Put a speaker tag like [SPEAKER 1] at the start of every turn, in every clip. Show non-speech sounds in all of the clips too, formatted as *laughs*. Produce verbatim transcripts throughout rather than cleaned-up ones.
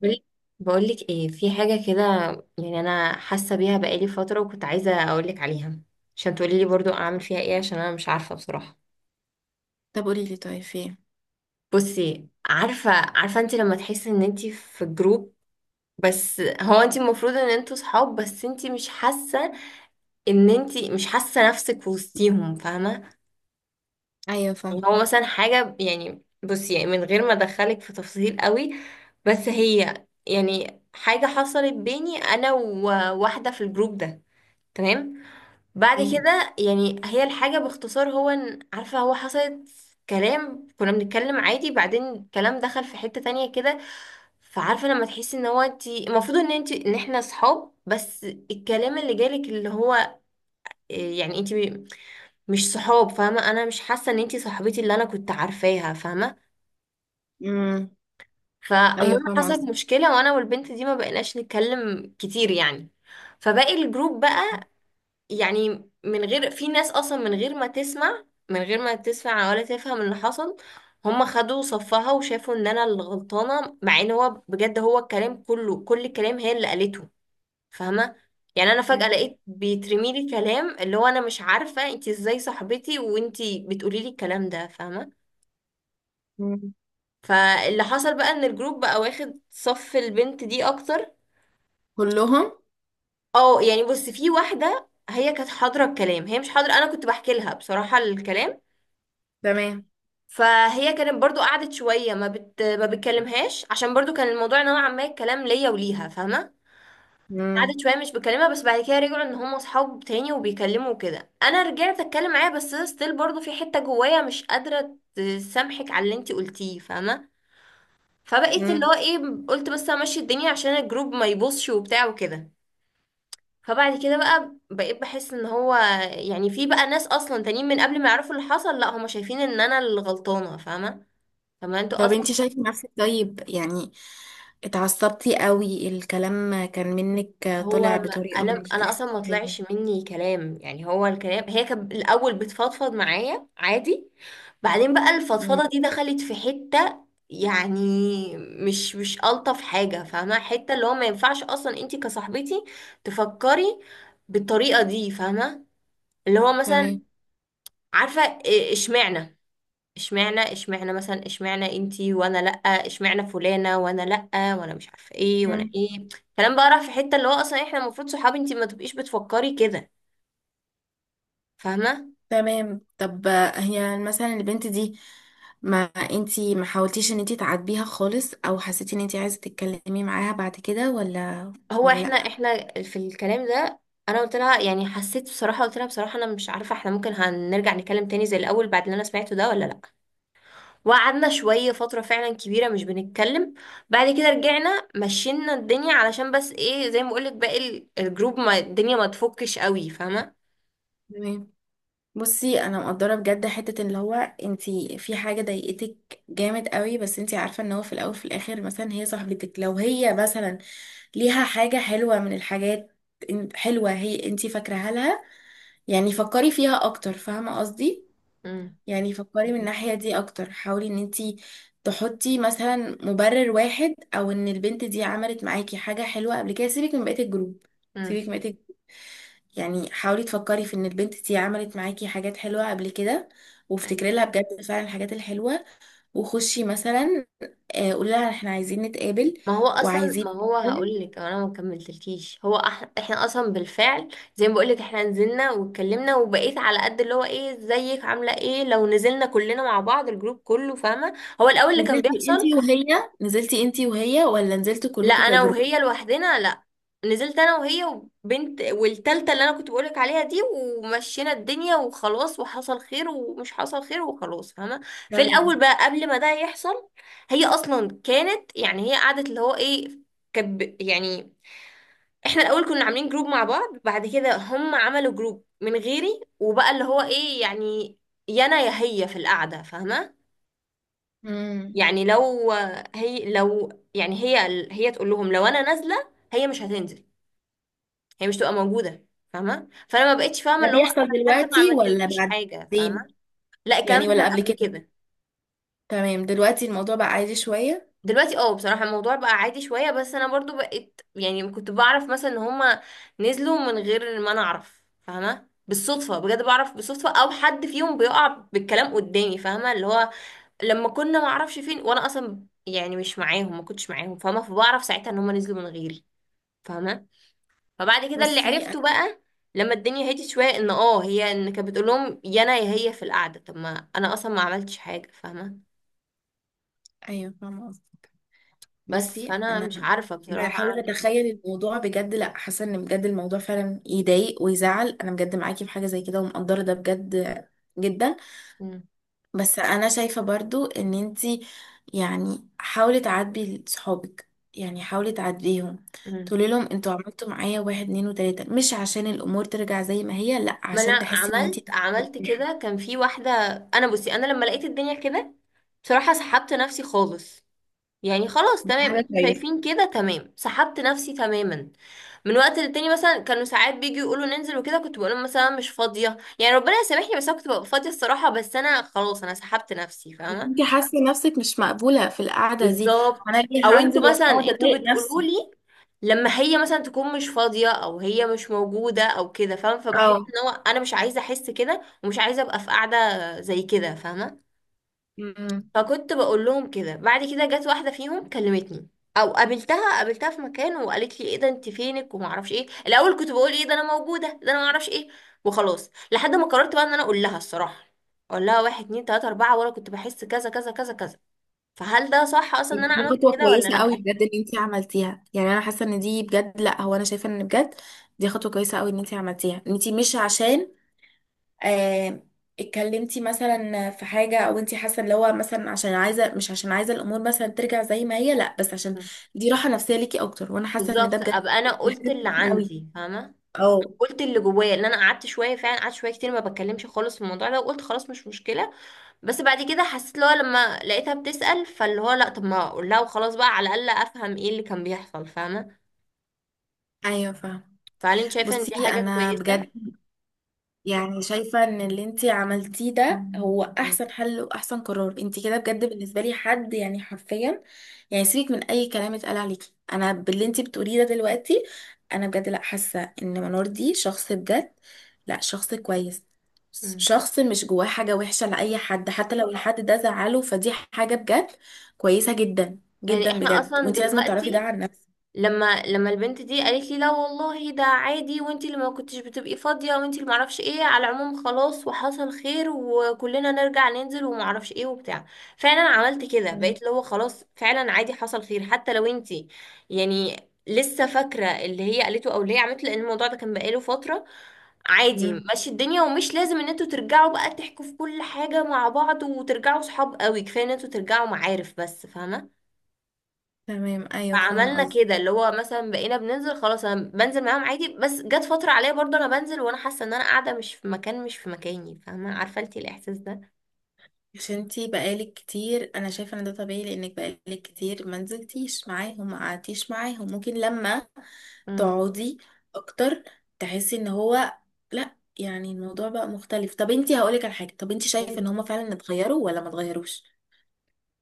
[SPEAKER 1] بقول- بقولك ايه، في حاجة كده. يعني انا حاسة بيها بقالي فترة وكنت عايزة اقولك عليها عشان تقولي لي برضو اعمل فيها ايه، عشان انا مش عارفة بصراحة.
[SPEAKER 2] طب قولي لي، طيب في ايه؟
[SPEAKER 1] بصي، عارفة عارفة انت لما تحسي ان انت في جروب، بس هو انت المفروض ان انتوا صحاب بس انت مش حاسة ان انت مش حاسة نفسك وسطيهم، فاهمة؟
[SPEAKER 2] ايوه
[SPEAKER 1] يعني
[SPEAKER 2] فاهمه.
[SPEAKER 1] هو مثلا حاجة، يعني بصي، يعني من غير ما ادخلك في تفاصيل قوي، بس هي يعني حاجة حصلت بيني انا وواحدة في الجروب ده، تمام؟ بعد
[SPEAKER 2] إيه؟
[SPEAKER 1] كده يعني هي الحاجة باختصار هو ان عارفة هو حصلت كلام، كنا بنتكلم عادي، بعدين الكلام دخل في حتة تانية كده. فعارفة لما تحسي ان هو انتي المفروض ان انتي ان احنا صحاب، بس الكلام اللي جالك اللي هو إيه، يعني انتي مش صحاب، فاهمة؟ انا مش حاسة ان انتي صاحبتي اللي انا كنت عارفاها، فاهمة؟
[SPEAKER 2] امم. ايوه
[SPEAKER 1] فالمهم
[SPEAKER 2] فاهمه
[SPEAKER 1] حصلت
[SPEAKER 2] قصدي.
[SPEAKER 1] مشكلة وانا والبنت دي ما بقيناش نتكلم كتير يعني. فباقي الجروب بقى، يعني من غير، في ناس اصلا من غير ما تسمع، من غير ما تسمع ولا تفهم اللي حصل، هم خدوا صفها وشافوا ان انا اللي غلطانه، مع ان هو بجد هو الكلام كله، كل الكلام هي اللي قالته، فاهمه؟ يعني انا فجأة
[SPEAKER 2] إيه؟
[SPEAKER 1] لقيت بيترمي لي كلام اللي هو انا مش عارفه انتي ازاي صاحبتي وانتي بتقولي لي الكلام ده، فاهمه؟
[SPEAKER 2] مم.
[SPEAKER 1] فاللي حصل بقى ان الجروب بقى واخد صف البنت دي اكتر.
[SPEAKER 2] كلهم.
[SPEAKER 1] اه يعني بص، في واحده هي كانت حاضره الكلام، هي مش حاضره، انا كنت بحكي لها بصراحه الكلام.
[SPEAKER 2] تمام.
[SPEAKER 1] فهي كانت برضو قعدت شويه ما بت... ما بتكلمهاش عشان برضو كان الموضوع نوعا ما الكلام ليا وليها، فاهمه؟ قعدت
[SPEAKER 2] امم.
[SPEAKER 1] شويه مش بكلمها، بس بعد كده رجعوا ان هم اصحاب تاني وبيكلموا وكده، انا رجعت اتكلم معاها، بس ستيل برضو في حته جوايا مش قادره تسامحك على اللي انتي قلتيه، فاهمه؟ فبقيت اللي
[SPEAKER 2] امم.
[SPEAKER 1] هو ايه، قلت بس امشي الدنيا عشان الجروب ما يبصش وبتاع وكده. فبعد كده بقى بقيت بحس ان هو يعني في بقى ناس اصلا تانيين من قبل ما يعرفوا اللي حصل، لا هم شايفين ان انا اللي غلطانه، فاهمه؟ طب ما انتوا
[SPEAKER 2] طب
[SPEAKER 1] اصلا.
[SPEAKER 2] انت شايفه نفسك طيب يعني؟ اتعصبتي قوي، الكلام كان منك
[SPEAKER 1] هو
[SPEAKER 2] طالع
[SPEAKER 1] ما
[SPEAKER 2] بطريقه
[SPEAKER 1] انا
[SPEAKER 2] مش
[SPEAKER 1] انا
[SPEAKER 2] احسن
[SPEAKER 1] اصلا ما طلعش
[SPEAKER 2] حاجه.
[SPEAKER 1] مني كلام، يعني هو الكلام هي كانت الاول بتفضفض معايا عادي، بعدين بقى
[SPEAKER 2] مم.
[SPEAKER 1] الفضفضه دي دخلت في حته يعني مش مش الطف حاجه، فاهمه؟ حته اللي هو ما ينفعش اصلا انتي كصاحبتي تفكري بالطريقه دي، فاهمه؟ اللي هو مثلا
[SPEAKER 2] تمام.
[SPEAKER 1] عارفه إيه- اشمعنى، اشمعنى اشمعنى مثلا، اشمعنى انتي وانا لأ، اشمعنى فلانة وانا لأ، وانا مش عارفة ايه وانا
[SPEAKER 2] مم.
[SPEAKER 1] ايه. كلام بقى راح في حتة اللي هو اصلا احنا المفروض صحابي انتي ما تبقيش بتفكري كده، فاهمة؟
[SPEAKER 2] تمام طب. هي مثلا البنت دي، ما انتي ما حاولتيش ان انتي تعاتبيها خالص او حسيتي ان انتي عايزه تتكلمي معاها بعد كده ولا؟
[SPEAKER 1] هو
[SPEAKER 2] ولا
[SPEAKER 1] احنا
[SPEAKER 2] لا.
[SPEAKER 1] احنا في الكلام ده، انا قلت لها يعني حسيت بصراحة، قلت لها بصراحة انا مش عارفة احنا ممكن هنرجع نتكلم تاني زي الاول بعد اللي انا سمعته ده ولا لأ. وقعدنا شوية فترة فعلا كبيرة مش بنتكلم، بعد كده رجعنا مشينا الدنيا علشان بس ايه، زي ما بقولك باقي ال- الجروب، ما الدنيا ما تفكش قوي، فاهمة؟
[SPEAKER 2] تمام. بصي انا مقدره بجد حته اللي هو، انتي في حاجه ضايقتك جامد قوي بس انتي عارفه ان هو في الاول في الاخر مثلا هي صاحبتك، لو هي مثلا ليها حاجه حلوه من الحاجات إن- حلوه هي انتي فاكراها لها، يعني فكري فيها اكتر فاهمه قصدي. يعني فكري من
[SPEAKER 1] فهميكي.
[SPEAKER 2] الناحيه دي اكتر، حاولي ان انتي تحطي مثلا مبرر واحد او ان البنت دي عملت معاكي حاجه حلوه قبل كده. سيبك من بقيه الجروب،
[SPEAKER 1] مم.
[SPEAKER 2] سيبك من بقيه، يعني حاولي تفكري في ان البنت دي عملت معاكي حاجات حلوة قبل كده، وافتكري
[SPEAKER 1] ايوه،
[SPEAKER 2] لها بجد فعلا الحاجات الحلوة. وخشي مثلا، آه، قولي لها احنا عايزين نتقابل
[SPEAKER 1] ما هو اصلا،
[SPEAKER 2] وعايزين
[SPEAKER 1] ما هو
[SPEAKER 2] نتكلم.
[SPEAKER 1] هقول لك انا ما كملتلكيش، هو أح... احنا اصلا بالفعل، زي ما بقول لك احنا نزلنا واتكلمنا وبقيت على قد اللي هو ايه، ازيك عامله ايه، لو نزلنا كلنا مع بعض الجروب كله، فاهمه؟ هو الاول اللي كان
[SPEAKER 2] نزلتي
[SPEAKER 1] بيحصل،
[SPEAKER 2] انتي وهي نزلتي انتي وهي ولا نزلتوا
[SPEAKER 1] لا
[SPEAKER 2] كلكم
[SPEAKER 1] انا
[SPEAKER 2] كجروب؟
[SPEAKER 1] وهي لوحدنا، لا نزلت انا وهي وبنت والتالتة اللي انا كنت بقولك عليها دي، ومشينا الدنيا وخلاص وحصل خير ومش حصل خير وخلاص، فاهمة؟ في
[SPEAKER 2] تمام.
[SPEAKER 1] الاول بقى قبل ما ده يحصل، هي اصلا كانت يعني هي قعدت اللي هو ايه، كب يعني احنا الاول كنا عاملين جروب مع بعض، بعد كده هم عملوا جروب من غيري، وبقى اللي هو ايه يعني، يا انا يا هي في القعدة، فاهمة؟
[SPEAKER 2] امم.
[SPEAKER 1] يعني لو، هي لو يعني هي هي تقول لهم لو انا نازلة هي مش هتنزل، هي مش تبقى موجوده، فاهمه؟ فانا ما بقتش فاهمه
[SPEAKER 2] ده
[SPEAKER 1] اللي هو
[SPEAKER 2] بيحصل
[SPEAKER 1] انا حتى ما
[SPEAKER 2] دلوقتي ولا
[SPEAKER 1] عملتلكيش حاجه،
[SPEAKER 2] بعدين؟
[SPEAKER 1] فاهمه؟ لا الكلام ده
[SPEAKER 2] يعني ولا قبل
[SPEAKER 1] كان قبل
[SPEAKER 2] كده؟
[SPEAKER 1] كده.
[SPEAKER 2] تمام، دلوقتي الموضوع بقى عادي شوية.
[SPEAKER 1] دلوقتي اه بصراحه الموضوع بقى عادي شويه، بس انا برضو بقيت يعني كنت بعرف مثلا ان هما نزلوا من غير ما انا اعرف، فاهمه؟ بالصدفه، بجد بعرف بالصدفه، او حد فيهم بيقع بالكلام قدامي، فاهمه؟ اللي هو لما كنا ما اعرفش فين وانا اصلا يعني مش معاهم، ما كنتش معاهم، فاهمه؟ فبعرف ساعتها ان هما نزلوا من غيري، فاهمه؟ فبعد كده اللي
[SPEAKER 2] بصي أ-
[SPEAKER 1] عرفته بقى لما الدنيا هديت شويه ان اه هي ان كانت بتقول لهم يا انا يا هي في القعده، طب ما انا اصلا ما عملتش حاجه، فاهمه؟
[SPEAKER 2] ايوه فاهمة قصدي.
[SPEAKER 1] بس
[SPEAKER 2] بصي
[SPEAKER 1] فانا
[SPEAKER 2] انا
[SPEAKER 1] مش عارفه بصراحه
[SPEAKER 2] بحاول
[SPEAKER 1] اعمل إيه.
[SPEAKER 2] اتخيل الموضوع بجد، لا حاسه ان بجد الموضوع فعلا يضايق ويزعل، انا بجد معاكي في حاجه زي كده ومقدره ده بجد جدا.
[SPEAKER 1] مم.
[SPEAKER 2] بس انا شايفه برضو ان انتي يعني حاولي تعاتبي صحابك، يعني حاولي تعاتبيهم.
[SPEAKER 1] مم.
[SPEAKER 2] تقولي لهم انتوا عملتوا معايا واحد اتنين وتلاته، مش عشان الامور ترجع زي ما هي لا،
[SPEAKER 1] ما انا
[SPEAKER 2] عشان تحسي ان انتي
[SPEAKER 1] عملت، عملت
[SPEAKER 2] مرتاحة.
[SPEAKER 1] كده كان في واحده، انا بصي انا لما لقيت الدنيا كده بصراحه سحبت نفسي خالص، يعني خلاص
[SPEAKER 2] *laughs* دي
[SPEAKER 1] تمام
[SPEAKER 2] حاجه
[SPEAKER 1] انتوا
[SPEAKER 2] كويسه.
[SPEAKER 1] شايفين كده، تمام سحبت نفسي تماما. من وقت للتاني مثلا كانوا ساعات بيجوا يقولوا ننزل وكده، كنت بقول لهم مثلا مش فاضيه، يعني ربنا يسامحني بس انا كنت ببقى فاضيه الصراحه، بس انا خلاص انا سحبت نفسي، فاهمه؟
[SPEAKER 2] انت حاسه نفسك مش مقبوله في القعده دي، فانا
[SPEAKER 1] بالظبط، او
[SPEAKER 2] ليه هنزل
[SPEAKER 1] انتوا مثلا
[SPEAKER 2] وهقعد
[SPEAKER 1] انتوا
[SPEAKER 2] اضايق
[SPEAKER 1] بتقولوا
[SPEAKER 2] نفسي؟
[SPEAKER 1] لي لما هي مثلا تكون مش فاضيه او هي مش موجوده او كده، فاهمه؟ فبحس ان هو انا مش عايزه احس كده ومش عايزه ابقى في قاعده زي كده، فاهمه؟
[SPEAKER 2] مم.
[SPEAKER 1] فكنت بقول لهم كده. بعد كده جت واحده فيهم كلمتني او قابلتها قابلتها في مكان وقالت لي ايه ده انت فينك وما اعرفش ايه، الاول كنت بقول ايه ده انا موجوده ده انا ما اعرفش ايه، وخلاص لحد ما قررت بقى ان انا اقول لها الصراحه، اقول لها واحد اتنين تلاته اربعه وانا كنت بحس كذا كذا كذا كذا، فهل ده صح اصلا ان انا
[SPEAKER 2] دي
[SPEAKER 1] عملت
[SPEAKER 2] خطوة
[SPEAKER 1] كده ولا
[SPEAKER 2] كويسة قوي
[SPEAKER 1] لا؟
[SPEAKER 2] بجد ان انتي عملتيها. يعني انا حاسة ان دي بجد، لا هو انا شايفة ان بجد دي خطوة كويسة قوي ان انتي عملتيها. ان انتي مش عشان آه اتكلمتي مثلا في حاجة، او انتي حاسة ان هو مثلا عشان عايزة، مش عشان عايزة الامور مثلا ترجع زي ما هي، لا بس عشان دي راحة نفسية ليكي اكتر، وانا حاسة ان ده
[SPEAKER 1] بالظبط،
[SPEAKER 2] بجد
[SPEAKER 1] ابقى انا
[SPEAKER 2] دي
[SPEAKER 1] قلت
[SPEAKER 2] حاجة
[SPEAKER 1] اللي
[SPEAKER 2] كويسة قوي.
[SPEAKER 1] عندي، فاهمه؟
[SPEAKER 2] اه.
[SPEAKER 1] قلت اللي جوايا. ان انا قعدت شويه، فعلا قعدت شويه كتير ما بتكلمش خالص في الموضوع ده، وقلت خلاص مش مشكله، بس بعد كده حسيت اللي هو لما لقيتها بتسأل فاللي هو لا، طب ما اقول لها وخلاص بقى، على الأقل افهم ايه اللي كان بيحصل، فاهمة؟
[SPEAKER 2] ايوه فاهمة.
[SPEAKER 1] فهل انت شايفة ان دي
[SPEAKER 2] بصي
[SPEAKER 1] حاجة
[SPEAKER 2] انا
[SPEAKER 1] كويسة؟
[SPEAKER 2] بجد يعني شايفة ان اللي انتي عملتيه ده هو
[SPEAKER 1] مم.
[SPEAKER 2] احسن حل واحسن قرار انتي كده. بجد بالنسبة لي حد يعني حرفيا، يعني سيبك من اي كلام اتقال عليكي، انا باللي انتي بتقوليه ده دلوقتي انا بجد لا حاسة ان منور دي شخص بجد، لا شخص كويس.
[SPEAKER 1] مم.
[SPEAKER 2] شخص مش جواه حاجة وحشة لأي حد، حتى لو الحد ده زعله، فدي حاجة بجد كويسة جدا
[SPEAKER 1] يعني
[SPEAKER 2] جدا
[SPEAKER 1] احنا
[SPEAKER 2] بجد،
[SPEAKER 1] اصلا
[SPEAKER 2] وانتي لازم تعرفي ده
[SPEAKER 1] دلوقتي
[SPEAKER 2] عن نفسك.
[SPEAKER 1] لما لما البنت دي قالت لي لا والله ده عادي وانتي اللي ما كنتش بتبقي فاضية وانتي اللي معرفش ايه، على العموم خلاص وحصل خير وكلنا نرجع ننزل ومعرفش ايه وبتاع، فعلا عملت كده.
[SPEAKER 2] تمام.
[SPEAKER 1] بقيت اللي هو خلاص فعلا عادي حصل خير، حتى لو انتي يعني لسه فاكرة اللي هي قالته او اللي هي عملته، لان الموضوع ده كان بقاله فترة. عادي
[SPEAKER 2] مم.
[SPEAKER 1] ماشي الدنيا، ومش لازم ان انتوا ترجعوا بقى تحكوا في كل حاجة مع بعض وترجعوا صحاب قوي، كفاية ان انتوا ترجعوا معارف بس، فاهمة؟
[SPEAKER 2] تمام ايوه فاهمة
[SPEAKER 1] فعملنا
[SPEAKER 2] قصدك.
[SPEAKER 1] كده، اللي هو مثلا بقينا بننزل خلاص انا بنزل معاهم عادي، بس جت فترة عليا برضه انا بنزل وانا حاسة ان انا قاعدة مش في مكان، مش في مكاني، فاهمة؟ عارفة انتي الاحساس ده؟
[SPEAKER 2] عشان انتي بقالك كتير، انا شايفه ان ده طبيعي لانك بقالك كتير ما نزلتيش معاهم ما قعدتيش معاهم، ممكن لما
[SPEAKER 1] امم.
[SPEAKER 2] تقعدي اكتر تحسي ان هو لا، يعني الموضوع بقى مختلف. طب انتي هقولك على حاجه، طب انتي شايفه ان هما فعلا اتغيروا ولا ما اتغيروش؟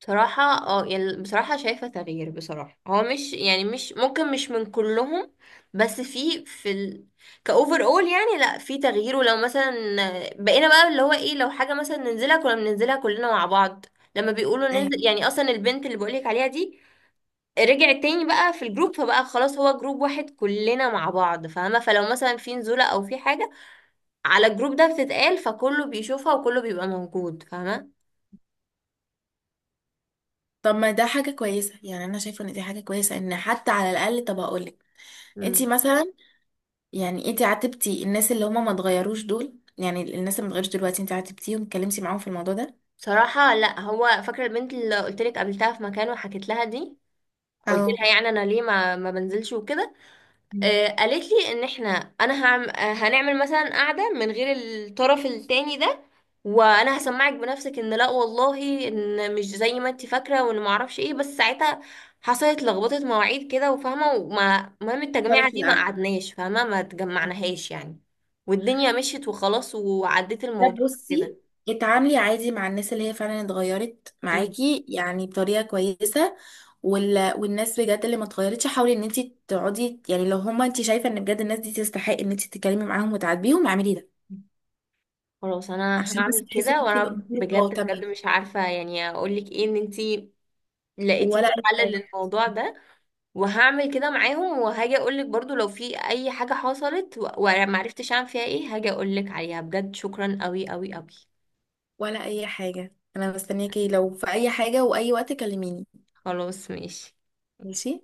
[SPEAKER 1] بصراحة اه يعني بصراحة شايفة تغيير، بصراحة هو مش يعني مش ممكن مش من كلهم، بس في في ال... كأوفر اول يعني لا في تغيير، ولو مثلا بقينا بقى اللي هو ايه لو حاجة مثلا ننزلها كنا بننزلها كلنا مع بعض، لما بيقولوا ننزل،
[SPEAKER 2] ايوه.
[SPEAKER 1] يعني اصلا البنت اللي بقولك عليها دي رجع تاني بقى في الجروب، فبقى خلاص هو جروب واحد كلنا مع بعض، فاهمة؟ فلو مثلا في نزولة او في حاجة على الجروب ده بتتقال، فكله بيشوفها وكله بيبقى موجود، فاهمة؟
[SPEAKER 2] طب ما ده حاجه كويسه، يعني انا شايفه ان دي حاجه كويسه ان حتى على الاقل. طب هقولك انتي
[SPEAKER 1] مم.
[SPEAKER 2] مثلا، يعني انتي عاتبتي الناس اللي هما ما اتغيروش دول؟ يعني الناس اللي ما اتغيروش دلوقتي انتي عاتبتيهم اتكلمتي معاهم في الموضوع ده؟
[SPEAKER 1] بصراحة لا، هو فاكرة البنت اللي قلت لك قابلتها في مكان وحكيت لها دي، قلت
[SPEAKER 2] اه.
[SPEAKER 1] لها يعني انا ليه ما ما بنزلش وكده، آه، قالت لي ان احنا، انا هعم... آه، هنعمل مثلا قعده من غير الطرف التاني ده وانا هسمعك بنفسك ان لا والله ان مش زي ما انت فاكره وان ما اعرفش ايه، بس ساعتها حصلت لخبطه مواعيد كده وفاهمه، وما المهم
[SPEAKER 2] حصلت
[SPEAKER 1] التجميعه
[SPEAKER 2] في
[SPEAKER 1] دي ما
[SPEAKER 2] القعدة.
[SPEAKER 1] قعدناش، فاهمه؟ ما تجمعناهاش يعني، والدنيا مشيت وخلاص وعديت
[SPEAKER 2] لا
[SPEAKER 1] الموضوع كده.
[SPEAKER 2] بصي، اتعاملي عادي مع الناس اللي هي فعلا اتغيرت
[SPEAKER 1] أمم.
[SPEAKER 2] معاكي يعني بطريقة كويسة. وال... والناس بجد اللي ما اتغيرتش حاولي ان انت تقعدي، يعني لو هما انت شايفة ان بجد الناس دي تستحق ان انت تتكلمي معاهم وتعاتبيهم اعملي ده،
[SPEAKER 1] خلاص انا
[SPEAKER 2] عشان بس
[SPEAKER 1] هعمل
[SPEAKER 2] تحسي ان
[SPEAKER 1] كده.
[SPEAKER 2] انت
[SPEAKER 1] وانا
[SPEAKER 2] الامور اه
[SPEAKER 1] بجد،
[SPEAKER 2] تمام.
[SPEAKER 1] بجد مش عارفه يعني اقول لك ايه، ان انت لقيتي
[SPEAKER 2] ولا
[SPEAKER 1] لي
[SPEAKER 2] اي
[SPEAKER 1] حل
[SPEAKER 2] حاجة.
[SPEAKER 1] للموضوع ده، وهعمل كده معاهم، وهاجي اقولك برضو لو في اي حاجة حصلت و- وانا معرفتش اعمل فيها ايه هاجي اقولك عليها، بجد شكرا قوي قوي قوي.
[SPEAKER 2] ولا اي حاجة، انا مستنياكي لو في اي حاجة واي وقت كلميني.
[SPEAKER 1] خلاص ماشي.
[SPEAKER 2] ماشي